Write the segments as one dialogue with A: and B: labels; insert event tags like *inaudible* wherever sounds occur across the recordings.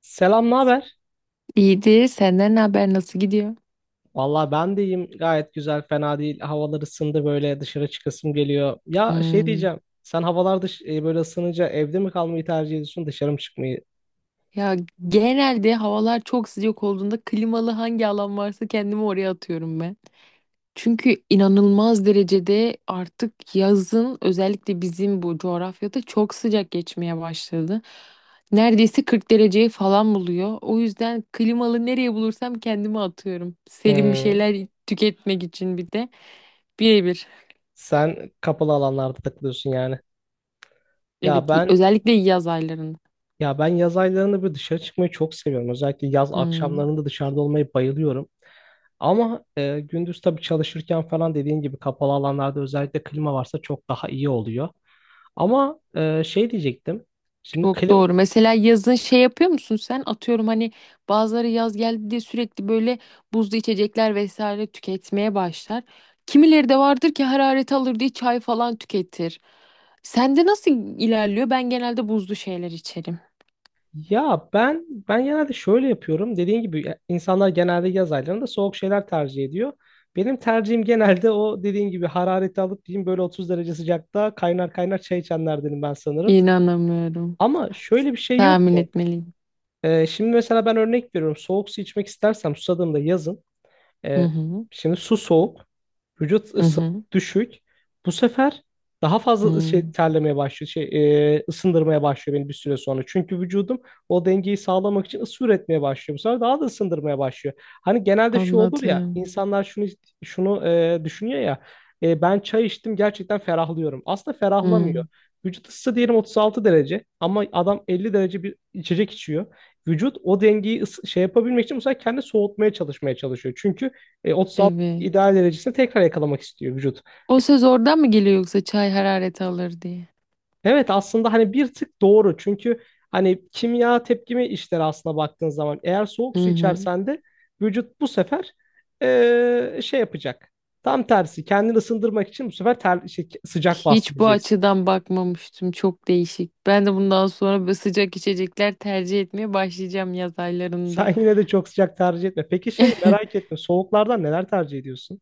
A: Selam, ne haber?
B: İyidir. Senden ne haber? Nasıl gidiyor?
A: Vallahi ben de iyiyim. Gayet güzel, fena değil. Havalar ısındı, böyle dışarı çıkasım geliyor. Ya şey
B: Hmm.
A: diyeceğim, sen havalar böyle ısınınca evde mi kalmayı tercih ediyorsun, dışarı mı çıkmayı?
B: Ya genelde havalar çok sıcak olduğunda klimalı hangi alan varsa kendimi oraya atıyorum ben. Çünkü inanılmaz derecede artık yazın özellikle bizim bu coğrafyada çok sıcak geçmeye başladı. Neredeyse 40 dereceyi falan buluyor. O yüzden klimalı nereye bulursam kendimi atıyorum. Serin bir
A: Hmm,
B: şeyler tüketmek için bir de birebir.
A: Sen kapalı alanlarda takılıyorsun yani. Ya
B: Evet,
A: ben
B: özellikle yaz aylarında.
A: ya ben yaz aylarında böyle dışarı çıkmayı çok seviyorum. Özellikle yaz
B: Hmm.
A: akşamlarında dışarıda olmayı bayılıyorum. Ama gündüz tabii çalışırken falan dediğin gibi kapalı alanlarda özellikle klima varsa çok daha iyi oluyor. Ama şey diyecektim. Şimdi
B: Çok
A: kli-
B: doğru. Mesela yazın şey yapıyor musun sen? Atıyorum hani bazıları yaz geldi diye sürekli böyle buzlu içecekler vesaire tüketmeye başlar. Kimileri de vardır ki hararet alır diye çay falan tüketir. Sende nasıl ilerliyor? Ben genelde buzlu şeyler içerim.
A: ya ben genelde şöyle yapıyorum. Dediğin gibi ya, insanlar genelde yaz aylarında soğuk şeyler tercih ediyor. Benim tercihim genelde o dediğin gibi harareti alıp diyeyim, böyle 30 derece sıcakta kaynar kaynar çay içenlerdenim ben sanırım.
B: İnanamıyorum.
A: Ama şöyle bir şey yok
B: Tahmin
A: mu?
B: etmeliyim.
A: Şimdi mesela ben örnek veriyorum. Soğuk su içmek istersem susadığımda yazın,
B: Hı
A: E,
B: hı.
A: şimdi su soğuk, vücut
B: Hı
A: ısı
B: hı.
A: düşük. Bu sefer daha fazla şey
B: Hı.
A: terlemeye başlıyor, ısındırmaya başlıyor beni bir süre sonra. Çünkü vücudum o dengeyi sağlamak için ısı üretmeye başlıyor. Bu sefer daha da ısındırmaya başlıyor. Hani genelde şu olur ya,
B: Anladım.
A: insanlar düşünüyor ya, ben çay içtim, gerçekten ferahlıyorum. Aslında
B: Hı.
A: ferahlamıyor. Vücut ısısı diyelim 36 derece, ama adam 50 derece bir içecek içiyor. Vücut o dengeyi yapabilmek için bu sefer kendi soğutmaya çalışmaya çalışıyor. Çünkü 36
B: Evet.
A: ideal derecesine tekrar yakalamak istiyor vücut.
B: O söz oradan mı geliyor yoksa çay hararet alır diye?
A: Evet, aslında hani bir tık doğru. Çünkü hani kimya tepkimi işleri, aslına baktığın zaman eğer soğuk
B: Hı
A: su
B: hı.
A: içersen de vücut bu sefer şey yapacak. Tam tersi kendini ısındırmak için bu sefer sıcak bastı
B: Hiç bu
A: diyeceksin.
B: açıdan bakmamıştım. Çok değişik. Ben de bundan sonra böyle sıcak içecekler tercih etmeye başlayacağım yaz
A: *laughs*
B: aylarında.
A: Sen yine de çok sıcak tercih etme. Peki şey, merak
B: *laughs*
A: ettim. Soğuklardan neler tercih ediyorsun?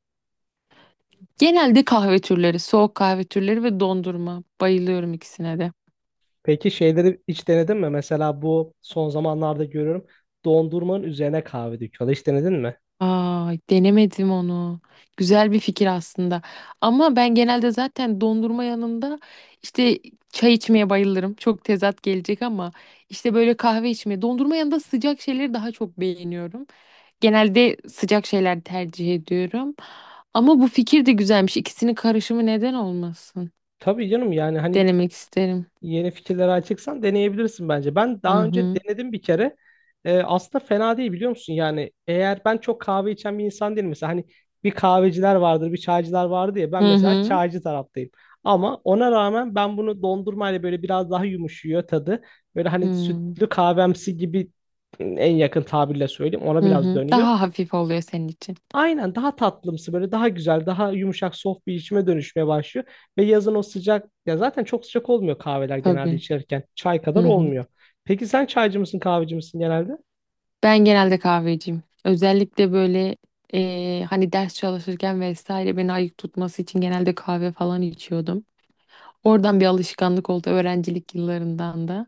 B: Genelde kahve türleri, soğuk kahve türleri ve dondurma. Bayılıyorum ikisine de.
A: Peki şeyleri hiç denedin mi? Mesela bu son zamanlarda görüyorum. Dondurmanın üzerine kahve döküyorlar. Hiç denedin mi?
B: Aa, denemedim onu. Güzel bir fikir aslında. Ama ben genelde zaten dondurma yanında işte çay içmeye bayılırım. Çok tezat gelecek ama işte böyle kahve içmeye, dondurma yanında sıcak şeyleri daha çok beğeniyorum. Genelde sıcak şeyler tercih ediyorum. Ama bu fikir de güzelmiş. İkisinin karışımı neden olmasın?
A: Tabii canım, yani hani
B: Denemek isterim.
A: yeni fikirlere açıksan deneyebilirsin bence. Ben
B: Hı
A: daha önce
B: hı.
A: denedim bir kere. Aslında fena değil, biliyor musun? Yani, eğer, ben çok kahve içen bir insan değilim. Mesela hani bir kahveciler vardır, bir çaycılar vardır ya.
B: Hı
A: Ben mesela
B: hı.
A: çaycı taraftayım. Ama ona rağmen ben bunu dondurmayla böyle biraz daha yumuşuyor tadı. Böyle hani
B: Hı
A: sütlü kahvemsi gibi, en yakın tabirle söyleyeyim, ona
B: hı.
A: biraz
B: Hı.
A: dönüyor.
B: Daha hafif oluyor senin için.
A: Aynen, daha tatlımsı, böyle daha güzel, daha yumuşak, soft bir içime dönüşmeye başlıyor. Ve yazın o sıcak ya, zaten çok sıcak olmuyor kahveler genelde
B: Tabii.
A: içerken, çay
B: Hı
A: kadar
B: hı.
A: olmuyor. Peki sen çaycı mısın, kahveci misin genelde?
B: Ben genelde kahveciyim. Özellikle böyle hani ders çalışırken vesaire beni ayık tutması için genelde kahve falan içiyordum. Oradan bir alışkanlık oldu öğrencilik yıllarından da.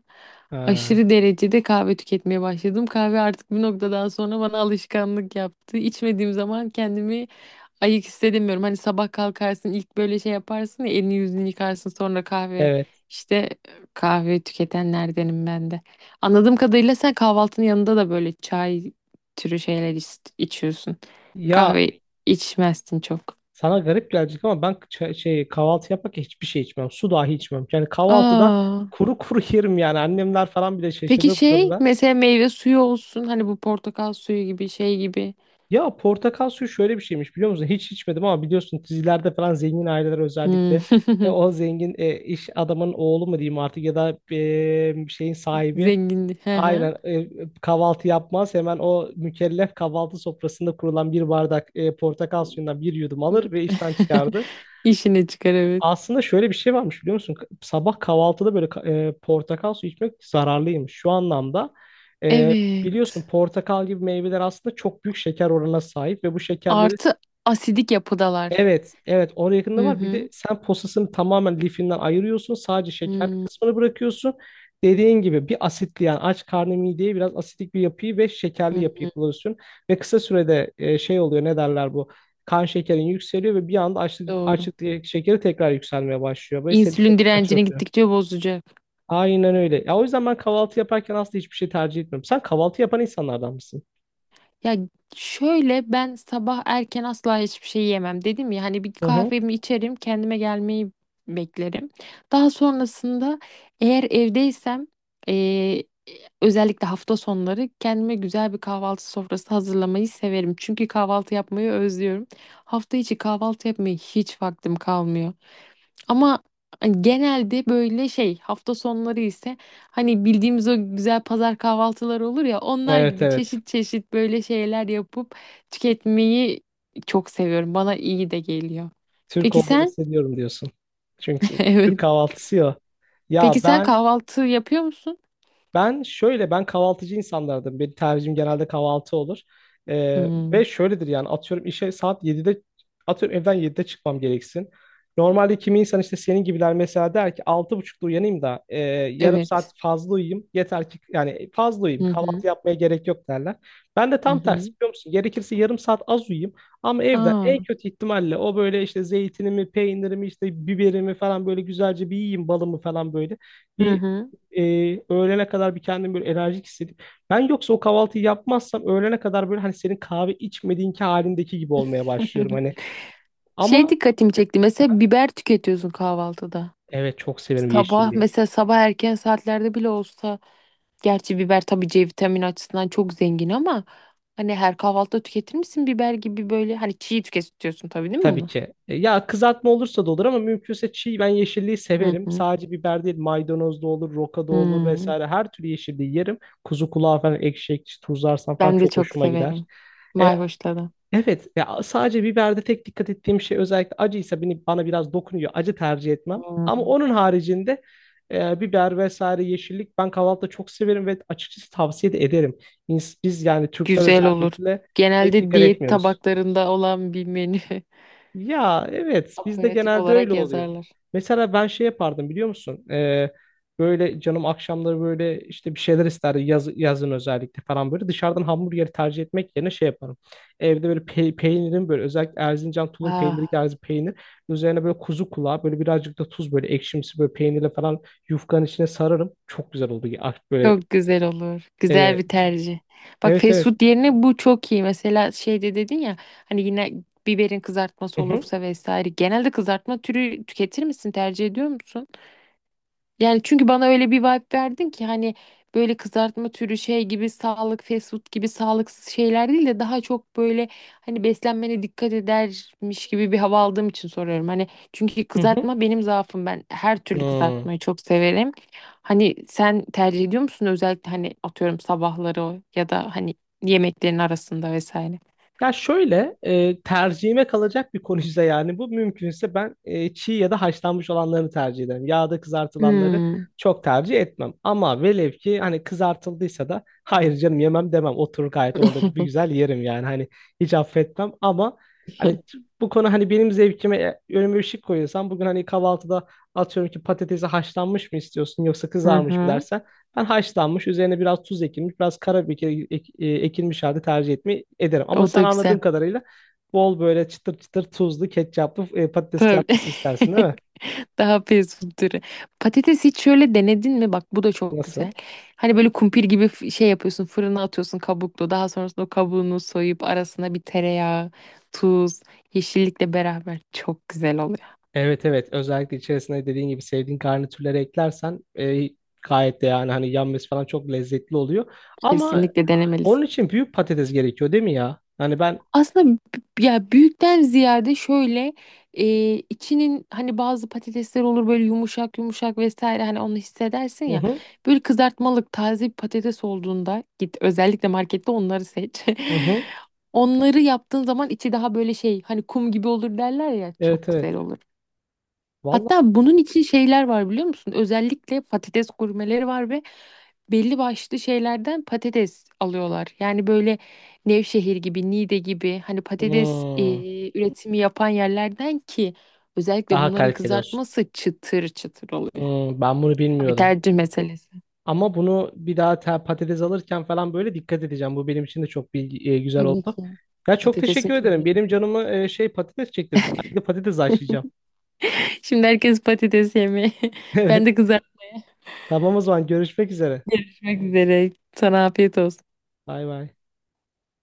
A: Ha,
B: Aşırı derecede kahve tüketmeye başladım. Kahve artık bir noktadan sonra bana alışkanlık yaptı. İçmediğim zaman kendimi ayık hissedemiyorum. Hani sabah kalkarsın ilk böyle şey yaparsın ya elini yüzünü yıkarsın sonra kahve.
A: evet.
B: İşte kahve tüketenlerdenim ben de. Anladığım kadarıyla sen kahvaltının yanında da böyle çay türü şeyler içiyorsun.
A: Ya
B: Kahve içmezsin çok.
A: sana garip gelecek ama ben kahvaltı yaparken hiçbir şey içmem, su dahi içmem. Yani kahvaltıda
B: Aa.
A: kuru kuru *laughs* yerim yani, annemler falan bile
B: Peki
A: şaşırır bu
B: şey
A: durumda.
B: mesela meyve suyu olsun hani bu portakal suyu gibi şey gibi.
A: Ya portakal suyu şöyle bir şeymiş, biliyor musun? Hiç içmedim ama biliyorsun dizilerde falan zengin aileler, özellikle
B: Hmm.
A: o zengin iş adamın oğlu mu diyeyim artık, ya da şeyin
B: *laughs*
A: sahibi,
B: Zenginlik. Hı hı.
A: aynen, kahvaltı yapmaz. Hemen o mükellef kahvaltı sofrasında kurulan bir bardak portakal suyundan bir yudum alır ve
B: *laughs*
A: işten çıkardı.
B: İşine çıkar evet.
A: Aslında şöyle bir şey varmış, biliyor musun? Sabah kahvaltıda böyle portakal suyu içmek zararlıymış. Şu anlamda e, biliyorsun,
B: Evet.
A: portakal gibi meyveler aslında çok büyük şeker oranına sahip ve bu şekerleri...
B: Artı asidik yapıdalar.
A: Evet, evet, oraya yakında
B: Hı
A: var. Bir de
B: hı.
A: sen posasını tamamen lifinden ayırıyorsun, sadece şekerli
B: Hmm.
A: kısmını bırakıyorsun. Dediğin gibi bir asitli, yani aç karnı mideye biraz asitik bir yapıyı ve
B: Hı
A: şekerli yapıyı
B: hı.
A: kullanıyorsun. Ve kısa sürede şey oluyor, ne derler bu? Kan şekerin yükseliyor ve bir anda açlık,
B: Doğru.
A: açlık şekeri tekrar yükselmeye başlıyor. Ve seni
B: İnsülin
A: tekrar
B: direncini
A: açlatıyor.
B: gittikçe bozacak.
A: Aynen öyle. Ya o yüzden ben kahvaltı yaparken aslında hiçbir şey tercih etmiyorum. Sen kahvaltı yapan insanlardan mısın?
B: Ya şöyle ben sabah erken asla hiçbir şey yemem. Dedim ya hani bir
A: Hı hı.
B: kahvemi içerim, kendime gelmeyi beklerim. Daha sonrasında eğer evdeysem eee, özellikle hafta sonları kendime güzel bir kahvaltı sofrası hazırlamayı severim. Çünkü kahvaltı yapmayı özlüyorum. Hafta içi kahvaltı yapmaya hiç vaktim kalmıyor. Ama hani, genelde böyle şey hafta sonları ise hani bildiğimiz o güzel pazar kahvaltıları olur ya onlar
A: Evet,
B: gibi
A: evet.
B: çeşit çeşit böyle şeyler yapıp tüketmeyi çok seviyorum. Bana iyi de geliyor.
A: Türk
B: Peki
A: olduğumu
B: sen?
A: hissediyorum diyorsun.
B: *laughs*
A: Çünkü Türk
B: Evet.
A: kahvaltısı ya. Ya
B: Peki sen
A: ben
B: kahvaltı yapıyor musun?
A: ben şöyle ben kahvaltıcı insanlardım. Benim tercihim genelde kahvaltı olur.
B: Hmm,
A: Ve şöyledir, yani atıyorum işe saat 7'de, atıyorum evden 7'de çıkmam gereksin. Normalde kimi insan, işte senin gibiler mesela, der ki 6.30'da uyanayım da yarım saat
B: evet.
A: fazla uyuyayım. Yeter ki yani fazla uyuyayım,
B: Hı hı.
A: kahvaltı yapmaya gerek yok, derler. Ben de
B: Hı
A: tam tersi,
B: hı.
A: biliyor musun? Gerekirse yarım saat az uyuyayım. Ama evden
B: Aa.
A: en kötü ihtimalle, o böyle işte zeytinimi, peynirimi, işte biberimi falan böyle güzelce bir yiyeyim, balımı falan böyle.
B: Hı
A: Bir
B: hı.
A: e, Öğlene kadar bir kendimi böyle enerjik hissedip, ben yoksa o kahvaltıyı yapmazsam, öğlene kadar böyle hani senin kahve içmediğinki halindeki gibi olmaya başlıyorum hani.
B: *laughs* Şey
A: Ama
B: dikkatimi çekti. Mesela biber tüketiyorsun kahvaltıda.
A: evet, çok severim
B: Sabah
A: yeşilliği.
B: mesela sabah erken saatlerde bile olsa gerçi biber tabii C vitamini açısından çok zengin ama hani her kahvaltıda tüketir misin biber gibi böyle hani çiğ tüketiyorsun tabii değil mi
A: Tabii
B: bunu?
A: ki. Ya kızartma olursa da olur, ama mümkünse çiğ, ben yeşilliği
B: Hı
A: severim.
B: hı.
A: Sadece biber değil, maydanoz da olur, roka da olur,
B: Hmm.
A: vesaire, her türlü yeşilliği yerim. Kuzu kulağı falan ekşi ekşi tuzlarsam falan
B: Ben de
A: çok
B: çok
A: hoşuma gider.
B: severim.
A: E,
B: Mayhoşla da.
A: Evet, ya sadece biberde tek dikkat ettiğim şey, özellikle acıysa, beni, bana biraz dokunuyor. Acı tercih etmem. Ama
B: Hmm.
A: onun haricinde biber vesaire yeşillik ben kahvaltıda çok severim ve açıkçası tavsiye de ederim. Biz, yani Türkler,
B: Güzel olur.
A: özellikle pek
B: Genelde
A: dikkat
B: diyet
A: etmiyoruz.
B: tabaklarında olan bir menü. *laughs*
A: Ya evet, bizde
B: Aperatif
A: genelde öyle
B: olarak
A: oluyor.
B: yazarlar.
A: Mesela ben şey yapardım, biliyor musun? Böyle canım akşamları böyle işte bir şeyler isterdi, yazın özellikle falan böyle dışarıdan hamburgeri tercih etmek yerine şey yaparım. Evde böyle peynirin böyle, özellikle Erzincan tulum peyniri
B: Ah.
A: tarzı peynir üzerine böyle kuzu kulağı, böyle birazcık da tuz, böyle ekşimsi böyle peynirle falan yufkanın içine sararım. Çok güzel oldu ya. Ah, böyle
B: Çok güzel olur. Güzel
A: e,
B: bir tercih. Bak
A: evet,
B: fast
A: evet.
B: food yerine bu çok iyi. Mesela şeyde dedin ya hani yine biberin
A: Hı
B: kızartması
A: hı,
B: olursa vesaire. Genelde kızartma türü tüketir misin? Tercih ediyor musun? Yani çünkü bana öyle bir vibe verdin ki hani böyle kızartma türü şey gibi sağlık fast food gibi sağlıksız şeyler değil de daha çok böyle hani beslenmene dikkat edermiş gibi bir hava aldığım için soruyorum. Hani çünkü
A: hı hı.
B: kızartma benim zaafım ben her türlü
A: Hmm.
B: kızartmayı çok severim. Hani sen tercih ediyor musun özellikle hani atıyorum sabahları o ya da hani yemeklerin arasında vesaire.
A: Ya şöyle, tercihime kalacak bir konuysa, yani bu mümkünse, ben çiğ ya da haşlanmış olanlarını tercih ederim. Yağda kızartılanları
B: Hmm.
A: çok tercih etmem. Ama velev ki hani kızartıldıysa da hayır canım yemem demem. Oturur gayet, onu da bir güzel yerim yani, hani hiç affetmem, ama hani
B: *laughs*
A: bu konu hani benim zevkime, önüme bir şey koyuyorsan bugün hani kahvaltıda, atıyorum ki patatesi haşlanmış mı istiyorsun yoksa
B: Hı
A: kızarmış mı
B: hı.
A: dersen, ben haşlanmış, üzerine biraz tuz ekilmiş, biraz karabiber ekilmiş halde tercih etmeyi ederim. Ama
B: O
A: sen
B: da güzel.
A: anladığım kadarıyla bol böyle çıtır çıtır tuzlu, ketçaplı patates
B: Tabii.
A: kızartması istersin, değil
B: *laughs*
A: mi?
B: Daha fast food türü. Patates hiç şöyle denedin mi? Bak bu da çok
A: Nasıl?
B: güzel. Hani böyle kumpir gibi şey yapıyorsun, fırına atıyorsun kabuklu. Daha sonrasında o kabuğunu soyup arasına bir tereyağı, tuz, yeşillikle beraber çok güzel oluyor.
A: Evet, evet, özellikle içerisine dediğin gibi sevdiğin garnitürleri eklersen gayet de, yani hani yanması falan çok lezzetli oluyor. Ama
B: Kesinlikle
A: onun
B: denemelisin.
A: için büyük patates gerekiyor değil mi ya? Hani ben...
B: Aslında ya büyükten ziyade şöyle içinin hani bazı patatesler olur böyle yumuşak yumuşak vesaire hani onu hissedersin
A: Hı
B: ya.
A: hı.
B: Böyle kızartmalık taze bir patates olduğunda git özellikle markette onları seç. *laughs*
A: Hı hı.
B: Onları yaptığın zaman içi daha böyle şey hani kum gibi olur derler ya
A: Evet,
B: çok
A: evet.
B: güzel olur.
A: Vallahi.
B: Hatta bunun için şeyler var biliyor musun? Özellikle patates gurmeleri var ve belli başlı şeylerden patates alıyorlar. Yani böyle Nevşehir gibi, Niğde gibi hani patates
A: Hmm,
B: üretimi yapan yerlerden ki özellikle
A: Daha
B: bunların
A: kaliteli olsun.
B: kızartması çıtır çıtır oluyor.
A: Ben bunu
B: Bir
A: bilmiyordum.
B: tercih meselesi.
A: Ama bunu bir daha patates alırken falan böyle dikkat edeceğim. Bu benim için de çok bilgi, güzel
B: Tabii
A: oldu.
B: ki.
A: Ya çok
B: Patatesin
A: teşekkür ederim.
B: türleri.
A: Benim canımı patates çektirdi. Ben de patates haşlayacağım.
B: Şimdi herkes patates yemeye. *laughs*
A: *laughs*
B: Ben
A: Evet.
B: de kızartmaya
A: Tamam, o zaman görüşmek üzere.
B: kızartmak üzere. Sana afiyet olsun.
A: Bay bay.